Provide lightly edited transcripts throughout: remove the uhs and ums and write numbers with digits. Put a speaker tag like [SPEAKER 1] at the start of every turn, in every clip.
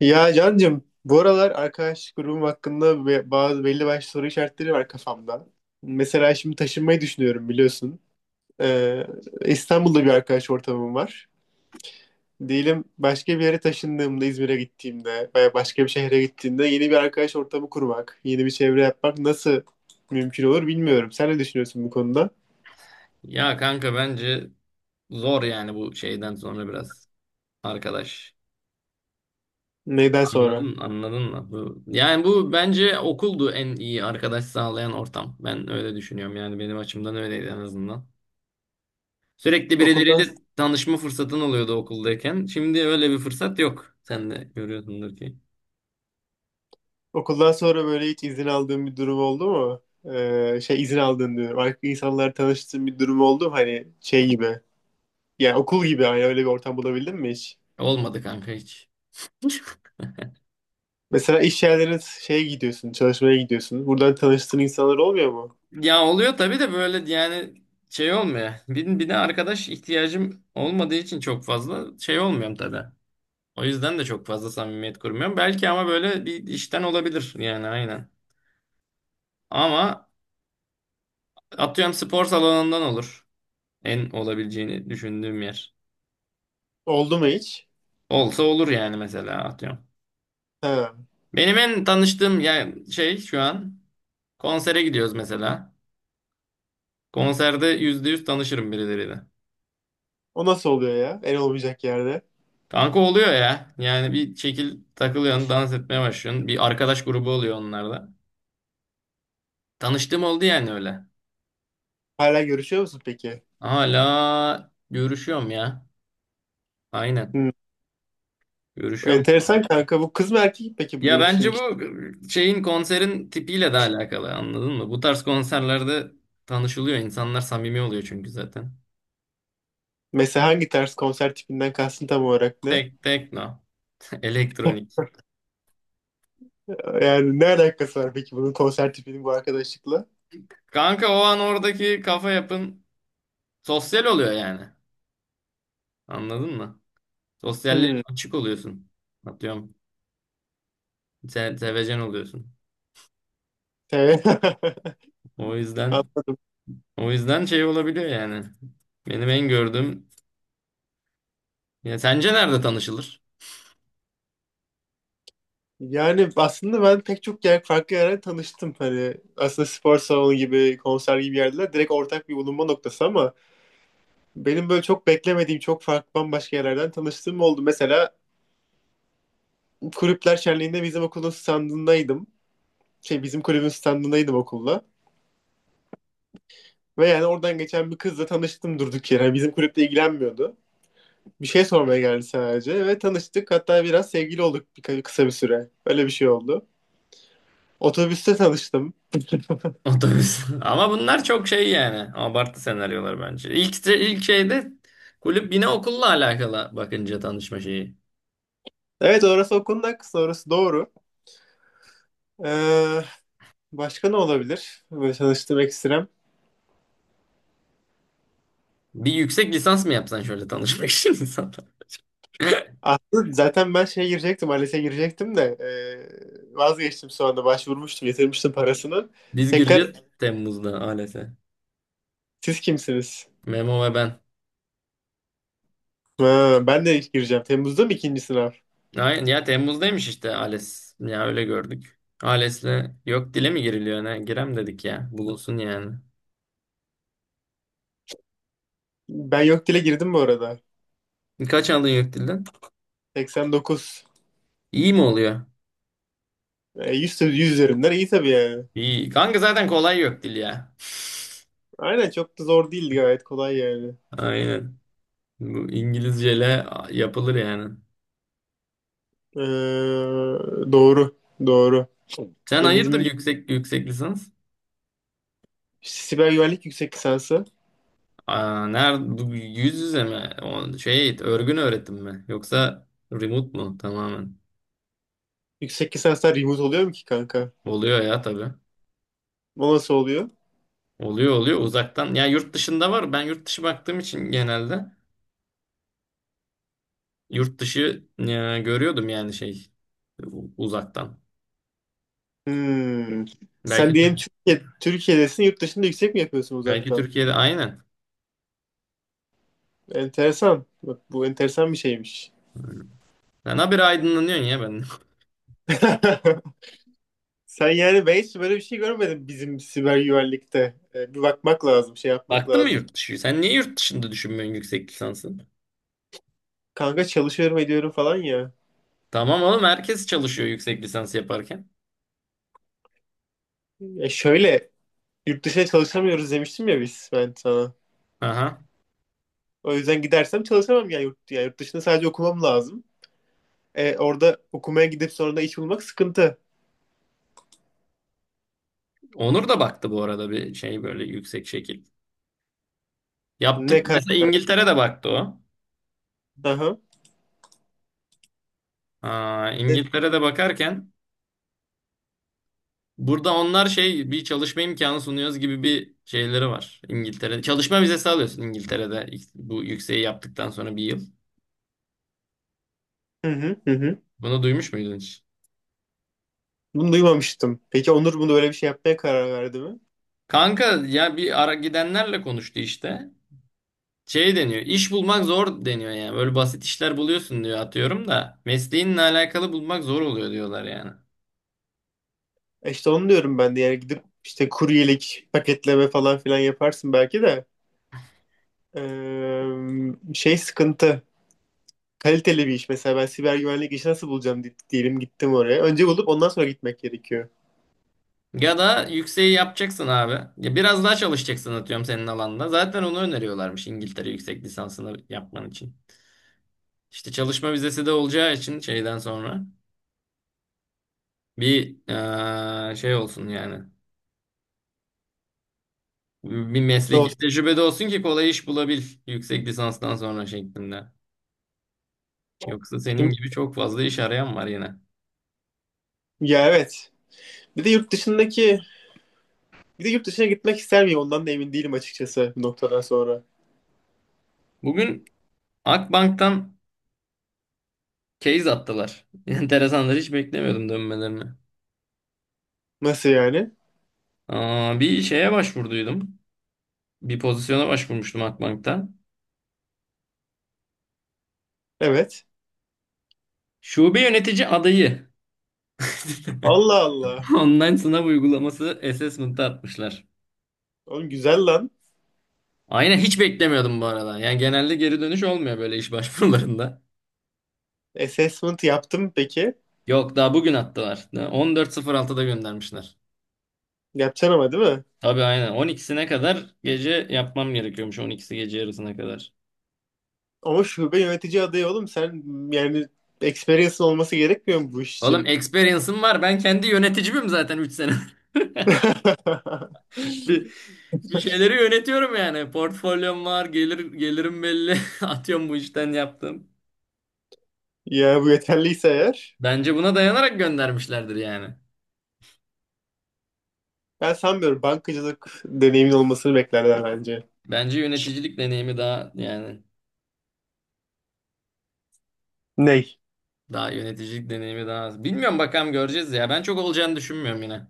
[SPEAKER 1] Ya Can'cığım bu aralar arkadaş grubum hakkında ve bazı belli başlı soru işaretleri var kafamda. Mesela şimdi taşınmayı düşünüyorum biliyorsun. Ee, İstanbul'da bir arkadaş ortamım var. Diyelim başka bir yere taşındığımda İzmir'e gittiğimde veya başka bir şehre gittiğimde yeni bir arkadaş ortamı kurmak, yeni bir çevre yapmak nasıl mümkün olur bilmiyorum. Sen ne düşünüyorsun bu konuda?
[SPEAKER 2] Ya kanka bence zor yani bu şeyden sonra biraz arkadaş.
[SPEAKER 1] Neyden sonra?
[SPEAKER 2] Anladın, anladın mı? Bu bence okuldu en iyi arkadaş sağlayan ortam. Ben öyle düşünüyorum yani benim açımdan öyleydi en azından. Sürekli
[SPEAKER 1] Okuldan
[SPEAKER 2] birileriyle tanışma fırsatın oluyordu okuldayken. Şimdi öyle bir fırsat yok. Sen de görüyorsundur ki.
[SPEAKER 1] Okuldan sonra böyle hiç izin aldığın bir durum oldu mu? Şey izin aldığın diyorum. Farklı insanlar tanıştığın bir durum oldu mu? Hani şey gibi. Yani okul gibi hani öyle bir ortam bulabildin mi hiç?
[SPEAKER 2] Olmadı kanka hiç.
[SPEAKER 1] Mesela iş yerlerine şeye gidiyorsun, çalışmaya gidiyorsun. Buradan tanıştığın insanlar olmuyor mu?
[SPEAKER 2] Ya oluyor tabii de böyle yani şey olmuyor. Bir de arkadaş ihtiyacım olmadığı için çok fazla şey olmuyorum tabii. O yüzden de çok fazla samimiyet kurmuyorum. Belki ama böyle bir işten olabilir yani aynen. Ama atıyorum spor salonundan olur. En olabileceğini düşündüğüm yer.
[SPEAKER 1] Oldu mu hiç?
[SPEAKER 2] Olsa olur yani mesela atıyorum.
[SPEAKER 1] Ha.
[SPEAKER 2] Benim en tanıştığım yani şey şu an konsere gidiyoruz mesela. Konserde yüzde yüz tanışırım birileriyle.
[SPEAKER 1] O nasıl oluyor ya? En olmayacak yerde.
[SPEAKER 2] Kanka oluyor ya. Yani bir şekil takılıyorsun, dans etmeye başlıyorsun. Bir arkadaş grubu oluyor onlarda. Tanıştığım oldu yani öyle.
[SPEAKER 1] Hala görüşüyor musun peki?
[SPEAKER 2] Hala görüşüyorum ya. Aynen.
[SPEAKER 1] Hmm.
[SPEAKER 2] Görüşüyorum.
[SPEAKER 1] Enteresan kanka. Bu kız mı erkek mi peki bu
[SPEAKER 2] Ya
[SPEAKER 1] görüştüğün
[SPEAKER 2] bence bu
[SPEAKER 1] kişi?
[SPEAKER 2] şeyin konserin tipiyle de alakalı anladın mı? Bu tarz konserlerde tanışılıyor insanlar samimi oluyor çünkü zaten.
[SPEAKER 1] Mesela hangi tarz konser tipinden kastın tam olarak ne?
[SPEAKER 2] Tek tekno, elektronik.
[SPEAKER 1] Yani ne alakası var peki bunun konser tipinin bu arkadaşlıkla?
[SPEAKER 2] Kanka o an oradaki kafa yapın sosyal oluyor yani. Anladın mı? Sosyalliğe
[SPEAKER 1] Hmm.
[SPEAKER 2] açık oluyorsun. Atıyorum. Se sevecen oluyorsun.
[SPEAKER 1] Te-
[SPEAKER 2] O yüzden
[SPEAKER 1] Anladım.
[SPEAKER 2] o yüzden şey olabiliyor yani. Benim en gördüğüm ya sence nerede tanışılır?
[SPEAKER 1] Yani aslında ben pek çok yer, farklı yerden tanıştım. Hani aslında spor salonu gibi, konser gibi yerler direkt ortak bir bulunma noktası ama benim böyle çok beklemediğim, çok farklı bambaşka yerlerden tanıştığım oldu. Mesela kulüpler şenliğinde bizim okulun standındaydım. Şey bizim kulübün standındaydım okulla. Ve yani oradan geçen bir kızla tanıştım durduk yere. Yani bizim kulüple ilgilenmiyordu. Bir şey sormaya geldi sadece ve tanıştık. Hatta biraz sevgili olduk bir, kısa bir süre. Öyle bir şey oldu. Otobüste tanıştım.
[SPEAKER 2] Otobüs. Ama bunlar çok şey yani. Abartı senaryolar bence. İlk şeyde kulüp yine okulla alakalı bakınca tanışma şeyi.
[SPEAKER 1] Evet orası o konunun haklısın, orası doğru. Ee, Başka ne olabilir? Böyle tanıştığım ekstrem.
[SPEAKER 2] Bir yüksek lisans mı yapsan şöyle tanışmak için insanlar.
[SPEAKER 1] Aslında zaten ben şeye girecektim, ALES'e girecektim de vazgeçtim sonra anda. Başvurmuştum, yatırmıştım parasını.
[SPEAKER 2] Biz gireceğiz
[SPEAKER 1] Tekrar
[SPEAKER 2] Temmuz'da ALES'e.
[SPEAKER 1] siz kimsiniz?
[SPEAKER 2] Memo ve ben.
[SPEAKER 1] Ha, ben de gireceğim. Temmuz'da mı ikinci sınav?
[SPEAKER 2] Aynen ya Temmuz'daymış işte ALES. Ya öyle gördük. ALES'le yok dile mi giriliyor ne? Girem dedik ya. Bulunsun yani.
[SPEAKER 1] Ben yok dile girdim bu arada.
[SPEAKER 2] Kaç aldın yok dilden?
[SPEAKER 1] 89.
[SPEAKER 2] İyi mi oluyor?
[SPEAKER 1] E, 100, 100 üzerinden iyi tabii yani.
[SPEAKER 2] İyi. Kanka zaten kolay yok dil ya.
[SPEAKER 1] Aynen çok da zor değildi gayet kolay yani.
[SPEAKER 2] Aynen. Bu İngilizceyle yapılır yani.
[SPEAKER 1] Ee, doğru. Doğru.
[SPEAKER 2] Sen
[SPEAKER 1] Ya
[SPEAKER 2] hayırdır
[SPEAKER 1] bizim gibi
[SPEAKER 2] yüksek lisans?
[SPEAKER 1] siber güvenlik yüksek lisansı.
[SPEAKER 2] Aa, nerede bu yüz yüze mi? O şey örgün öğretim mi? Yoksa remote mu tamamen?
[SPEAKER 1] Yüksek lisanslar remote oluyor mu ki kanka?
[SPEAKER 2] Oluyor ya tabii.
[SPEAKER 1] O nasıl oluyor?
[SPEAKER 2] Oluyor uzaktan. Ya yurt dışında var. Ben yurt dışı baktığım için genelde yurt dışı görüyordum yani şey uzaktan.
[SPEAKER 1] Hmm. Sen
[SPEAKER 2] Belki
[SPEAKER 1] diyelim Türkiye'desin yurt dışında yüksek mi yapıyorsun
[SPEAKER 2] belki
[SPEAKER 1] uzaktan?
[SPEAKER 2] Türkiye'de aynen.
[SPEAKER 1] Enteresan. Bak bu enteresan bir şeymiş.
[SPEAKER 2] Sen habire aydınlanıyorsun ya ben.
[SPEAKER 1] Sen yani ben hiç böyle bir şey görmedim bizim siber güvenlikte. Bir bakmak lazım, şey yapmak
[SPEAKER 2] Baktın mı
[SPEAKER 1] lazım.
[SPEAKER 2] yurt dışı? Sen niye yurt dışında düşünmüyorsun yüksek lisansı?
[SPEAKER 1] Kanka çalışıyorum ediyorum falan ya.
[SPEAKER 2] Tamam oğlum herkes çalışıyor yüksek lisans yaparken.
[SPEAKER 1] Ya şöyle Yurt dışına çalışamıyoruz demiştim ya biz ben sana.
[SPEAKER 2] Aha.
[SPEAKER 1] O yüzden gidersem çalışamam ya yurt, ya yurt dışında sadece okumam lazım. Orada okumaya gidip sonra da iş bulmak sıkıntı.
[SPEAKER 2] Onur da baktı bu arada bir şey böyle yüksek şekil.
[SPEAKER 1] Ne
[SPEAKER 2] Yaptık
[SPEAKER 1] karar?
[SPEAKER 2] mesela İngiltere'de baktı o.
[SPEAKER 1] Aha.
[SPEAKER 2] Aa,
[SPEAKER 1] Ne-
[SPEAKER 2] İngiltere'de bakarken burada onlar şey bir çalışma imkanı sunuyoruz gibi bir şeyleri var. İngiltere'de çalışma vizesi alıyorsun İngiltere'de bu yükseği yaptıktan sonra 1 yıl.
[SPEAKER 1] Hı hı hı hı.
[SPEAKER 2] Bunu duymuş muydun hiç?
[SPEAKER 1] Bunu duymamıştım. Peki Onur bunu böyle bir şey yapmaya karar verdi mi?
[SPEAKER 2] Kanka ya bir ara gidenlerle konuştu işte. Şey deniyor. İş bulmak zor deniyor yani. Böyle basit işler buluyorsun diyor atıyorum da. Mesleğinle alakalı bulmak zor oluyor diyorlar yani.
[SPEAKER 1] E işte onu diyorum ben de yani gidip işte kuryelik, paketleme falan filan yaparsın belki de. Şey sıkıntı. Kaliteli bir iş mesela ben siber güvenlik işi nasıl bulacağım diyelim gittim oraya. Önce bulup ondan sonra gitmek gerekiyor.
[SPEAKER 2] Ya da yükseği yapacaksın abi. Ya biraz daha çalışacaksın atıyorum senin alanda. Zaten onu öneriyorlarmış İngiltere yüksek lisansını yapman için. İşte çalışma vizesi de olacağı için şeyden sonra bir şey olsun yani. Bir
[SPEAKER 1] Doğru.
[SPEAKER 2] mesleki tecrübe de olsun ki kolay iş bulabil yüksek lisanstan sonra şeklinde. Yoksa senin
[SPEAKER 1] Şimdi,
[SPEAKER 2] gibi çok fazla iş arayan var yine.
[SPEAKER 1] ya evet. Bir de yurt dışındaki Bir de yurt dışına gitmek ister miyim? Ondan da emin değilim açıkçası bu noktadan sonra.
[SPEAKER 2] Bugün Akbank'tan case attılar. Enteresanlar hiç beklemiyordum dönmelerini.
[SPEAKER 1] Nasıl yani?
[SPEAKER 2] Aa, bir şeye başvurduydum. Bir pozisyona başvurmuştum Akbank'tan.
[SPEAKER 1] Evet.
[SPEAKER 2] Şube yönetici adayı.
[SPEAKER 1] Allah Allah.
[SPEAKER 2] Online sınav uygulaması assessment'a atmışlar.
[SPEAKER 1] Oğlum güzel lan.
[SPEAKER 2] Aynen hiç beklemiyordum bu arada. Yani genelde geri dönüş olmuyor böyle iş başvurularında.
[SPEAKER 1] Assessment yaptım peki.
[SPEAKER 2] Yok daha bugün attılar. 14.06'da göndermişler.
[SPEAKER 1] Yapacaksın ama değil mi?
[SPEAKER 2] Tabii aynen. 12'sine kadar gece yapmam gerekiyormuş. 12'si gece yarısına kadar.
[SPEAKER 1] Ama şube yönetici adayı oğlum sen yani experience'ın olması gerekmiyor mu bu iş
[SPEAKER 2] Oğlum
[SPEAKER 1] için?
[SPEAKER 2] experience'ım var. Ben kendi yöneticimim zaten 3 sene. Bir, bir şeyleri yönetiyorum yani. Portfolyom var, gelirim belli. Atıyorum bu işten yaptım.
[SPEAKER 1] Ya bu yeterliyse eğer
[SPEAKER 2] Bence buna dayanarak göndermişlerdir yani.
[SPEAKER 1] ben sanmıyorum bankacılık deneyimin olmasını beklerler bence.
[SPEAKER 2] Bence yöneticilik deneyimi daha yani
[SPEAKER 1] Ney?
[SPEAKER 2] daha yöneticilik deneyimi daha az. Bilmiyorum bakalım göreceğiz ya. Ben çok olacağını düşünmüyorum yine.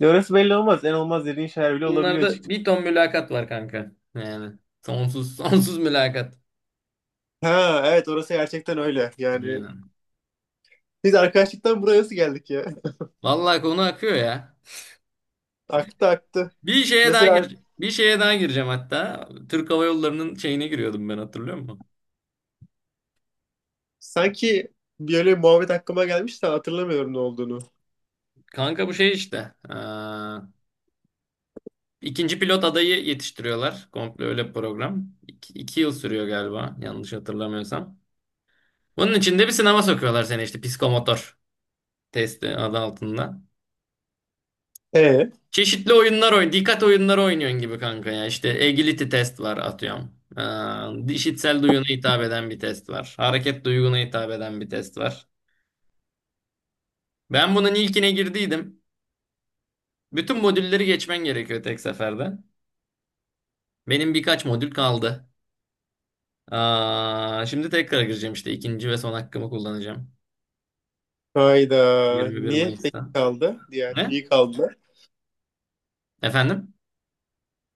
[SPEAKER 1] Ya orası belli olmaz. En olmaz dediğin şeyler bile olabiliyor
[SPEAKER 2] Bunlarda
[SPEAKER 1] açıkçası.
[SPEAKER 2] bir ton mülakat var kanka. Yani sonsuz sonsuz mülakat.
[SPEAKER 1] Ha evet orası gerçekten öyle. Yani
[SPEAKER 2] Aynen.
[SPEAKER 1] biz arkadaşlıktan buraya nasıl geldik ya?
[SPEAKER 2] Vallahi konu akıyor ya.
[SPEAKER 1] Aktı aktı.
[SPEAKER 2] Bir şeye daha
[SPEAKER 1] Mesela
[SPEAKER 2] gir, bir şeye daha gireceğim hatta. Türk Hava Yolları'nın şeyine giriyordum ben hatırlıyor musun?
[SPEAKER 1] sanki bir öyle muhabbet aklıma gelmişti hatırlamıyorum ne olduğunu.
[SPEAKER 2] Kanka bu şey işte. İkinci pilot adayı yetiştiriyorlar. Komple öyle bir program. İki yıl sürüyor galiba. Yanlış hatırlamıyorsam. Bunun içinde bir sınava sokuyorlar seni işte. Psikomotor testi adı altında.
[SPEAKER 1] E
[SPEAKER 2] Çeşitli dikkat oyunları oynuyorsun gibi kanka ya. İşte agility test var atıyorum. İşitsel duyuna hitap eden bir test var. Hareket duyguna hitap eden bir test var. Ben bunun ilkine girdiydim. Bütün modülleri geçmen gerekiyor tek seferde. Benim birkaç modül kaldı. Aa, şimdi tekrar gireceğim işte. İkinci ve son hakkımı kullanacağım.
[SPEAKER 1] hayda
[SPEAKER 2] 21
[SPEAKER 1] niye tek
[SPEAKER 2] Mayıs'ta.
[SPEAKER 1] kaldı? Diğer
[SPEAKER 2] Ne?
[SPEAKER 1] niye kaldı?
[SPEAKER 2] Efendim?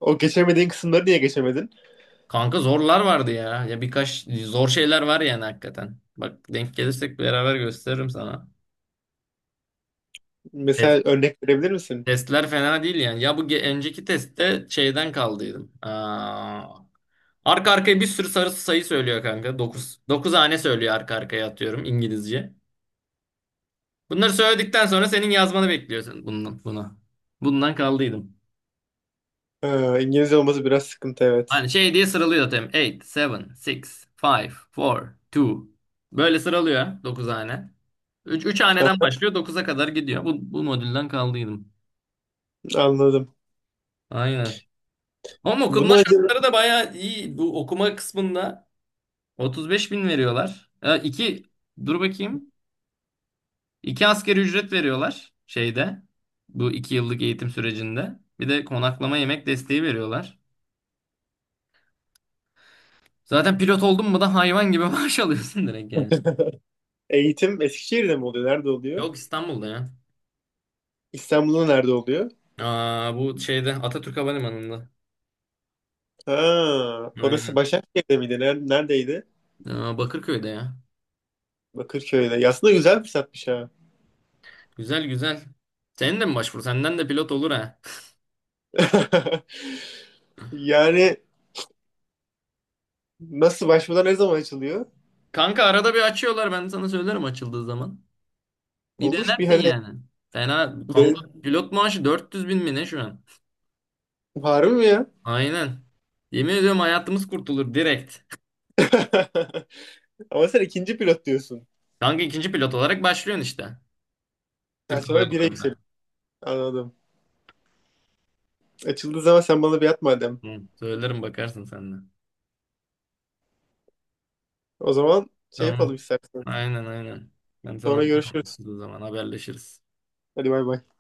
[SPEAKER 1] O geçemediğin kısımları niye geçemedin?
[SPEAKER 2] Kanka zorlar vardı ya. Ya birkaç zor şeyler var yani hakikaten. Bak denk gelirsek beraber gösteririm sana. Test,
[SPEAKER 1] Mesela örnek verebilir misin?
[SPEAKER 2] testler fena değil yani. Ya bu önceki testte şeyden kaldıydım. Aa, arka arkaya bir sürü sarı sayı söylüyor kanka. Dokuz 9 hane söylüyor arka arkaya atıyorum İngilizce. Bunları söyledikten sonra senin yazmanı bekliyorsun bundan, buna. Bundan kaldıydım.
[SPEAKER 1] Ha, İngilizce olması biraz sıkıntı evet.
[SPEAKER 2] Hani şey diye sıralıyor zaten. 8, 7, 6, 5, 4, 2. Böyle sıralıyor 9 hane. Üç haneden başlıyor 9'a kadar gidiyor. Bu modülden kaldıydım.
[SPEAKER 1] Anladım.
[SPEAKER 2] Aynen. Ama okuma
[SPEAKER 1] Bunu acaba
[SPEAKER 2] şartları da bayağı iyi. Bu okuma kısmında 35 bin veriyorlar. İki, dur bakayım. 2 asgari ücret veriyorlar şeyde. Bu 2 yıllık eğitim sürecinde. Bir de konaklama yemek desteği veriyorlar. Zaten pilot oldun mu da hayvan gibi maaş alıyorsun direkt yani.
[SPEAKER 1] eğitim Eskişehir'de mi oluyor? Nerede oluyor?
[SPEAKER 2] Yok İstanbul'da ya.
[SPEAKER 1] İstanbul'da nerede oluyor?
[SPEAKER 2] Aa, bu şeyde Atatürk Havalimanı'nda.
[SPEAKER 1] Ha, orası
[SPEAKER 2] Aynen.
[SPEAKER 1] Başakşehir'de miydi? Neredeydi?
[SPEAKER 2] Aa, Bakırköy'de ya.
[SPEAKER 1] Bakırköy'de. Ya aslında güzel fırsatmış ha.
[SPEAKER 2] Güzel güzel. Senin de mi başvur? Senden de pilot olur ha.
[SPEAKER 1] Yani nasıl başvurda ne zaman açılıyor?
[SPEAKER 2] Kanka arada bir açıyorlar ben sana söylerim açıldığı zaman. Bir
[SPEAKER 1] Olur bir
[SPEAKER 2] denersin
[SPEAKER 1] hani
[SPEAKER 2] yani. Fena Kongo pilot maaşı 400 bin mi ne şu an?
[SPEAKER 1] var mı ya?
[SPEAKER 2] Aynen. Yemin ediyorum hayatımız kurtulur direkt.
[SPEAKER 1] Ama sen ikinci pilot diyorsun.
[SPEAKER 2] Kanka ikinci pilot olarak başlıyorsun işte.
[SPEAKER 1] Ben
[SPEAKER 2] Türk Hava
[SPEAKER 1] sonra bire
[SPEAKER 2] Yolları'nda.
[SPEAKER 1] yükseliyorum. Anladım. Açıldığı zaman sen bana bir at madem.
[SPEAKER 2] Hı, söylerim bakarsın sen de.
[SPEAKER 1] O zaman şey
[SPEAKER 2] Tamam.
[SPEAKER 1] yapalım istersen.
[SPEAKER 2] Aynen aynen. Ben sana
[SPEAKER 1] Sonra
[SPEAKER 2] atarım
[SPEAKER 1] görüşürüz.
[SPEAKER 2] açıldığı zaman haberleşiriz.
[SPEAKER 1] Hadi bay bay.